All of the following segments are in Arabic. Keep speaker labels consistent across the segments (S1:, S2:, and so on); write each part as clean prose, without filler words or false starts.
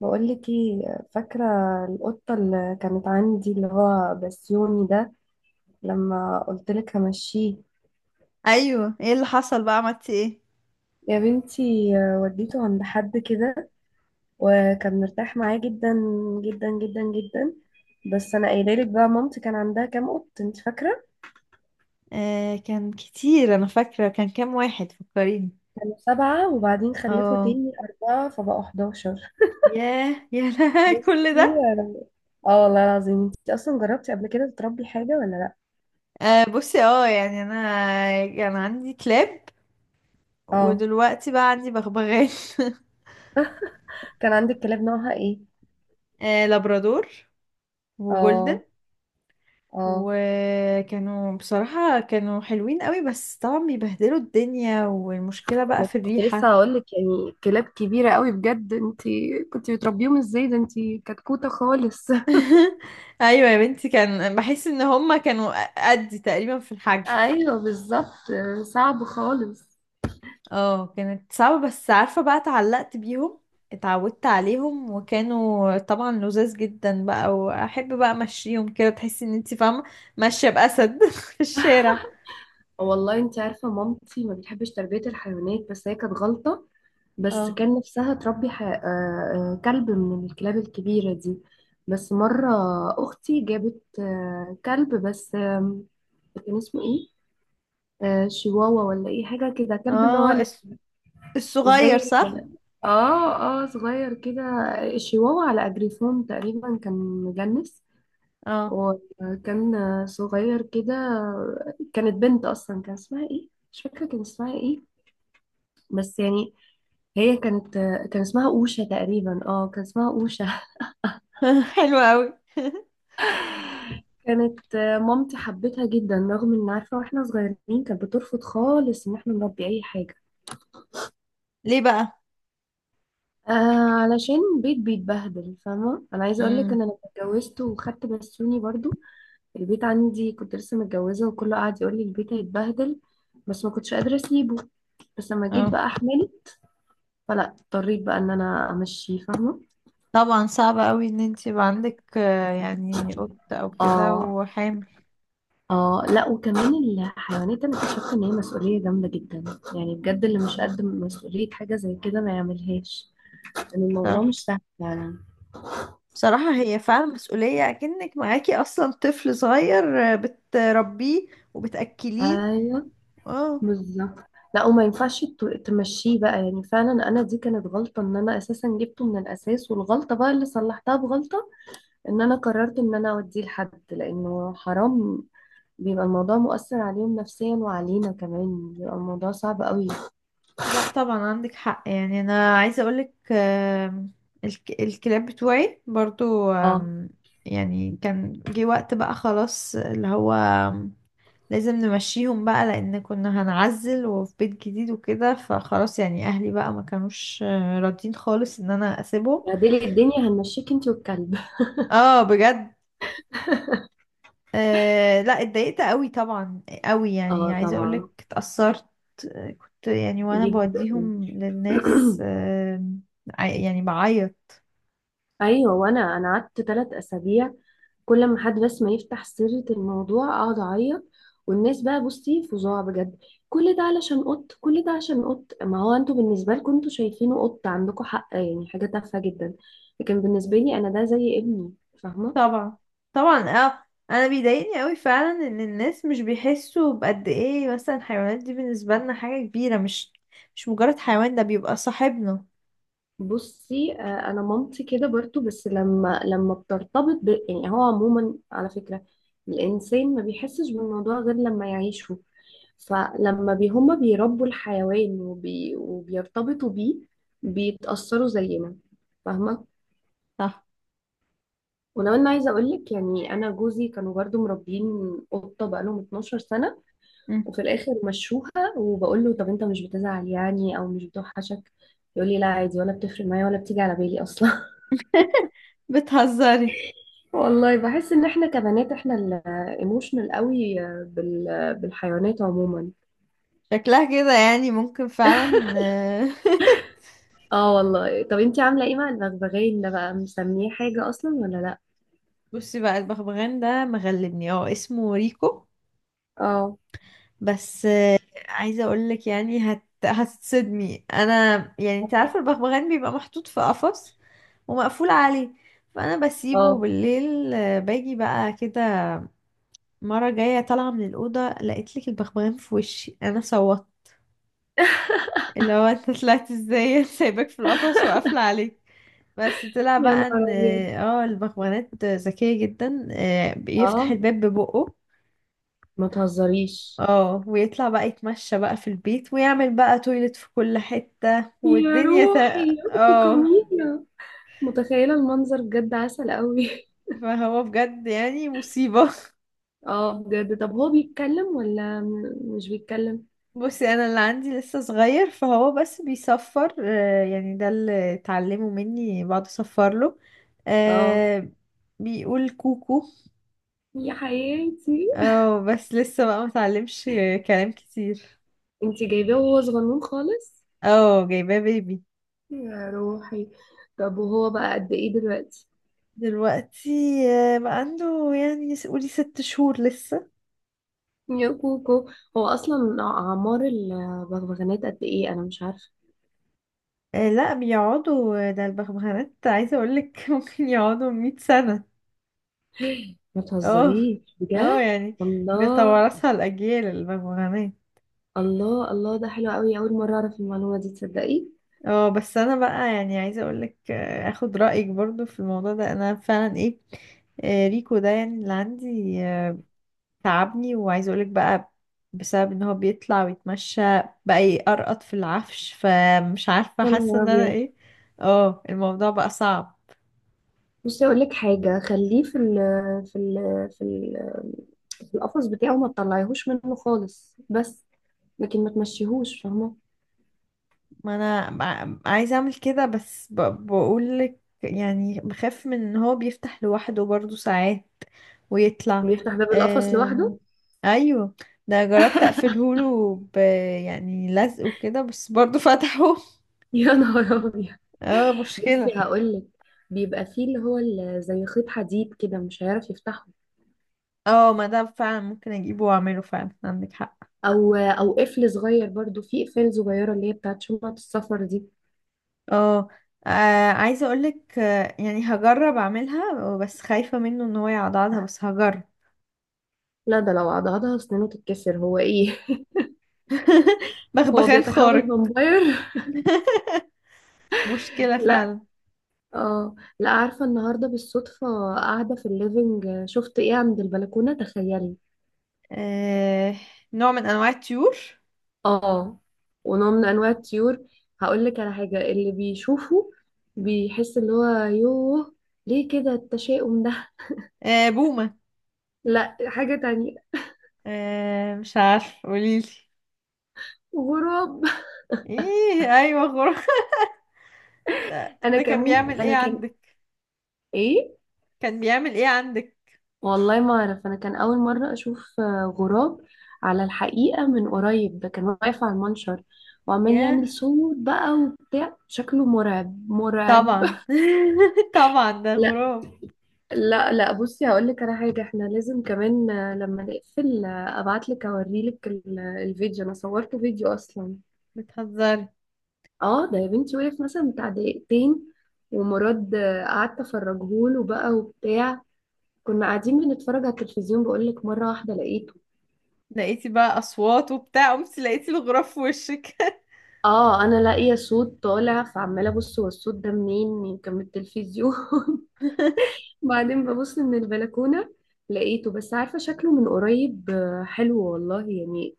S1: بقول لك ايه فاكره القطه اللي كانت عندي اللي هو بسيوني ده؟ لما قلت لك همشيه.
S2: ايوه، ايه اللي حصل بقى؟ عملتي ايه؟
S1: يا بنتي وديته عند حد كده وكان مرتاح معاه جدا، جدا جدا جدا. بس انا قايله لك بقى مامتي كان عندها كام قط انت فاكره؟
S2: آه، كان كتير، انا فاكره كان كام واحد، فكريني.
S1: كانوا 7 وبعدين خلفوا
S2: اه.
S1: تاني 4 فبقوا 11.
S2: ياه، يا لها كل
S1: بصي.
S2: ده!
S1: أنا- اه والله العظيم انت اصلا جربتي قبل كده تربي حاجه ولا لا؟
S2: آه، بصي، يعني انا كان عندي كلاب.
S1: اه،
S2: ودلوقتي بقى عندي بغبغان.
S1: كان عندك كلاب نوعها ايه؟
S2: آه، لابرادور
S1: اه.
S2: وجولدن.
S1: اه،
S2: وكانوا بصراحة كانوا حلوين قوي، بس طبعا بيبهدلوا الدنيا، والمشكلة بقى
S1: انا
S2: في
S1: كنت لسه
S2: الريحة.
S1: هقول لك يعني كلاب كبيره قوي، بجد انت كنت بتربيهم ازاي؟ ده انت كتكوته خالص.
S2: ايوه يا بنتي، كان بحس ان هما كانوا قدي تقريبا في الحجم.
S1: ايوه بالظبط، صعب خالص.
S2: اه، كانت صعبة، بس عارفة بقى اتعلقت بيهم. اتعودت عليهم، وكانوا طبعا لذاذ جدا بقى، واحب بقى امشيهم كده، تحسي ان انتي فاهمة ماشية بأسد في الشارع.
S1: والله انت عارفه مامتي ما بتحبش تربيه الحيوانات، بس هي كانت غلطه. بس
S2: اه،
S1: كان نفسها تربي ح... آه، آه، كلب من الكلاب الكبيره دي. بس مره اختي جابت كلب، بس كان اسمه ايه؟ شيواوا ولا ايه، حاجه كده، كلب اللي هو
S2: اه، الصغير
S1: زي
S2: صح.
S1: ال- اه صغير كده. الشيواوا على اجريفون تقريبا كان مجنس.
S2: اه.
S1: وكان صغير كده. كانت بنت اصلا، كان اسمها ايه؟ مش فاكره كان اسمها ايه. بس يعني هي كانت كان اسمها اوشا تقريبا، اه كان اسمها اوشا.
S2: حلو قوي.
S1: كانت مامتي حبتها جدا، رغم ان عارفه واحنا صغيرين كانت بترفض خالص ان احنا نربي اي حاجه.
S2: ليه بقى؟
S1: آه. علشان بيتبهدل. فاهمه؟ انا عايزه اقول لك ان
S2: امم.
S1: انا اتجوزت وخدت بسوني برضو. البيت عندي كنت لسه متجوزة، وكله قاعد يقول لي البيت هيتبهدل، بس ما كنتش قادرة اسيبه. بس لما جيت بقى
S2: اه،
S1: احمله، فلا اضطريت بقى ان انا امشيه. فاهمة؟
S2: طبعا صعب قوي ان انتي يبقى عندك يعني قط او كده
S1: اه.
S2: وحامل.
S1: اه لا، وكمان الحيوانات انا اكتشفت ان هي مسؤولية جامدة جدا. يعني بجد اللي مش قد مسؤولية حاجة زي كده ما يعملهاش، لان الموضوع
S2: صراحة،
S1: مش سهل فعلا.
S2: بصراحة هي فعلا مسؤولية، أكنك معاكي أصلا طفل صغير بتربيه وبتأكليه.
S1: ايوه
S2: اه،
S1: بالظبط. لا وما ينفعش تمشيه بقى. يعني فعلا انا دي كانت غلطة ان انا اساسا جبته من الاساس، والغلطة بقى اللي صلحتها بغلطة ان انا قررت ان انا اوديه لحد، لانه حرام. بيبقى الموضوع مؤثر عليهم نفسيا، وعلينا كمان بيبقى الموضوع صعب قوي.
S2: لا طبعا عندك حق، يعني أنا عايزة أقولك، الكلاب بتوعي برضو،
S1: اه
S2: يعني كان جه وقت بقى خلاص اللي هو، لازم نمشيهم بقى، لأن كنا هنعزل وفي بيت جديد وكده، فخلاص يعني أهلي بقى ما كانوش راضيين خالص إن أنا أسيبهم.
S1: بعدين الدنيا هنمشيك انت والكلب.
S2: اه بجد. أه، لا اتضايقت قوي طبعا قوي، يعني
S1: اه
S2: عايزه
S1: طبعا،
S2: اقولك اتأثرت. كنت يعني وانا
S1: جدا.
S2: بوديهم للناس. أه. يعني بعيط.
S1: ايوه، وانا قعدت 3 اسابيع كل ما حد بس ما يفتح سيرة الموضوع اقعد اعيط. والناس بقى، بصي، فظاع بجد. كل ده علشان قط، كل ده عشان قط. ما هو انتوا بالنسبة لكم انتوا شايفينه قط، عندكم حق يعني، حاجة تافهة جدا. لكن بالنسبة لي انا ده زي ابني. فاهمة؟
S2: طبعا، طبعا، اه. انا بيضايقني قوي فعلا ان الناس مش بيحسوا بقد ايه، مثلا الحيوانات دي بالنسبه لنا حاجه كبيره، مش مجرد حيوان، ده بيبقى صاحبنا.
S1: بصي، انا مامتي كده برضو، بس لما بترتبط يعني هو عموما على فكرة الانسان ما بيحسش بالموضوع غير لما يعيشه. فلما هما بيربوا الحيوان وبيرتبطوا بيه، بيتأثروا زينا. فاهمة؟
S2: صح.
S1: ولو انا عايزة اقولك، يعني انا جوزي كانوا برضو مربيين قطة بقالهم 12 سنة
S2: مم.
S1: وفي الاخر مشوها. وبقول له طب انت مش بتزعل يعني، او مش بتوحشك؟ يقول لي لا عادي، ولا بتفرق معايا، ولا بتيجي على بالي اصلا.
S2: بتهزري؟
S1: والله بحس ان احنا كبنات احنا الايموشنال قوي بالحيوانات عموما.
S2: شكلها كده يعني ممكن فعلا
S1: اه والله، طب انتي عاملة ايه مع البغبغان ده بقى؟ مسميه حاجة اصلا ولا لا؟
S2: بصي بقى، البغبغان ده مغلبني، اسمه ريكو.
S1: اه.
S2: بس عايزة اقولك يعني هتتصدمي انا. يعني انت عارفة البغبغان بيبقى محطوط في قفص ومقفول عليه، فانا بسيبه
S1: اه.
S2: بالليل باجي بقى كده. مرة جاية طالعة من الأوضة، لقيت لك البغبغان في وشي، انا صوت اللي هو انت طلعت ازاي سايبك في القفص وقافلة عليك. بس طلع
S1: يا
S2: بقى
S1: نهار
S2: ان
S1: أبيض!
S2: البغبغانات ذكية جدا، بيفتح
S1: اه،
S2: الباب ببقه.
S1: ما تهزريش.
S2: اه، ويطلع بقى يتمشى بقى في البيت ويعمل بقى تويلت في كل حتة،
S1: يا
S2: والدنيا
S1: روحي يا بنتي
S2: اه.
S1: كمينة. متخيلة المنظر بجد، عسل قوي.
S2: فهو بجد يعني مصيبة.
S1: اه بجد. طب هو بيتكلم ولا مش بيتكلم؟
S2: بصي، انا اللي عندي لسه صغير، فهو بس بيصفر، يعني ده اللي اتعلمه مني، بقعد اصفر له.
S1: اه.
S2: آه، بيقول كوكو.
S1: يا حياتي.
S2: اه، بس لسه بقى متعلمش كلام كتير.
S1: انتي جايباه وهو صغنون خالص؟
S2: اه، جايباه بيبي.
S1: يا روحي. طب وهو بقى قد ايه دلوقتي؟
S2: دلوقتي بقى عنده يعني قولي 6 شهور لسه.
S1: يا كوكو. هو اصلا اعمار البغبغانات قد ايه، انا مش عارفة.
S2: لا، بيقعدوا، ده البغبغانات عايزة اقولك ممكن يقعدوا 100 سنة.
S1: ما
S2: اه،
S1: تهزريش
S2: اه،
S1: بجد.
S2: يعني
S1: الله.
S2: بيتوارثها الأجيال البغبغانات.
S1: الله الله، ده حلو قوي، اول مره اعرف المعلومه دي، تصدقي؟
S2: اه، بس انا بقى يعني عايزة اقولك اخد رأيك برضو في الموضوع ده، انا فعلا ايه، ريكو ده يعني اللي عندي تعبني، وعايزة اقولك بقى بسبب ان هو بيطلع ويتمشى بقى يقرقط في العفش، فمش عارفة،
S1: يا
S2: حاسة
S1: نهار
S2: ان انا
S1: ابيض.
S2: ايه. اه، الموضوع بقى صعب.
S1: بصي اقول لك حاجه، خليه في ال في ال في ال في القفص بتاعه، ما تطلعيهوش منه خالص. بس لكن ما تمشيهوش. فاهمه؟
S2: ما انا عايزه اعمل كده، بس بقول لك يعني بخاف من ان هو بيفتح لوحده برضو ساعات ويطلع.
S1: بيفتح باب القفص
S2: أم...
S1: لوحده؟
S2: ايوه، ده جربت اقفله له يعني لزق وكده، بس برضو فتحه.
S1: يا نهار ابيض.
S2: اه، مشكلة.
S1: بصي هقول لك، بيبقى فيه اللي هو زي خيط حديد كده مش هيعرف يفتحه.
S2: اه، ما ده فعلا ممكن اجيبه واعمله فعلا، عندك حق.
S1: او قفل صغير برضو، في قفل صغيره اللي هي بتاعت شنطه السفر دي.
S2: اه، عايزه اقولك يعني هجرب اعملها، بس خايفه منه ان هو يعضعضها، بس هجرب.
S1: لا ده لو عضعضها سنانه تتكسر، هو ايه؟ هو
S2: بغبغان
S1: بيتحول
S2: خارق.
S1: فامباير؟
S2: مشكلة
S1: لا.
S2: فعلا.
S1: اه لا، عارفة النهاردة بالصدفة قاعدة في الليفينج شفت ايه عند البلكونة، تخيلي؟
S2: آه... نوع من أنواع الطيور.
S1: اه، ونوع من انواع الطيور. هقول لك على حاجة اللي بيشوفه بيحس اللي هو يوه، ليه كده التشاؤم ده؟
S2: بومة.
S1: لا، حاجة تانية.
S2: مش عارف، قوليلي.
S1: غراب.
S2: ايه، ايوه غراب. ده,
S1: انا
S2: ده
S1: كان
S2: كان
S1: ممكن
S2: بيعمل ايه
S1: انا كان
S2: عندك؟
S1: ايه.
S2: كان بيعمل ايه عندك؟
S1: والله ما اعرف، انا كان اول مره اشوف غراب على الحقيقه من قريب. ده كان واقف على المنشر وعمال
S2: ياه.
S1: يعمل صوت بقى وبتاع، شكله مرعب مرعب.
S2: طبعا. طبعا ده
S1: لا
S2: غراب.
S1: لا لا، بصي هقول لك على حاجه، احنا لازم كمان لما نقفل ابعت لك اوري لك الفيديو، انا صورته فيديو اصلا.
S2: بتهزري؟
S1: اه ده يا بنتي وقف مثلا بتاع دقيقتين، ومراد قعدت افرجهوله بقى وبتاع. كنا قاعدين بنتفرج على التلفزيون، بقول لك مره واحده لقيته.
S2: لقيتي بقى اصوات وبتاع، قمت لقيتي الغراب في وشك.
S1: اه انا لاقيه صوت طالع، فعماله ابص هو الصوت ده منين، يمكن من التلفزيون. بعدين ببص من البلكونه لقيته. بس عارفه شكله من قريب حلو والله يعني،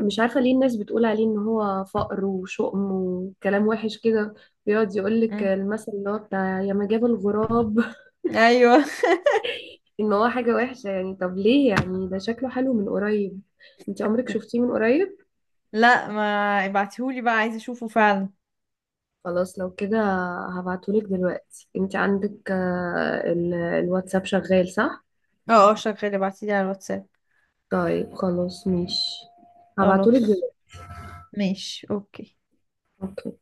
S1: مش عارفه ليه الناس بتقول عليه ان هو فقر وشؤم وكلام وحش كده. بيقعد يقول لك
S2: مم.
S1: المثل اللي هو بتاع يا ما جاب الغراب.
S2: ايوه.
S1: ان هو حاجه وحشه يعني، طب ليه يعني؟ ده شكله حلو من قريب. انت عمرك شفتيه من قريب؟
S2: لا، ما ابعتيهولي بقى، عايزه اشوفه فعلا.
S1: خلاص لو كده هبعتهولك دلوقتي. انت عندك الواتساب شغال صح؟
S2: اه، اه شغال، ابعتيلي على الواتساب.
S1: طيب خلاص ماشي، هبعتهولك
S2: خلاص،
S1: دلوقتي.
S2: ماشي، اوكي.
S1: اوكي.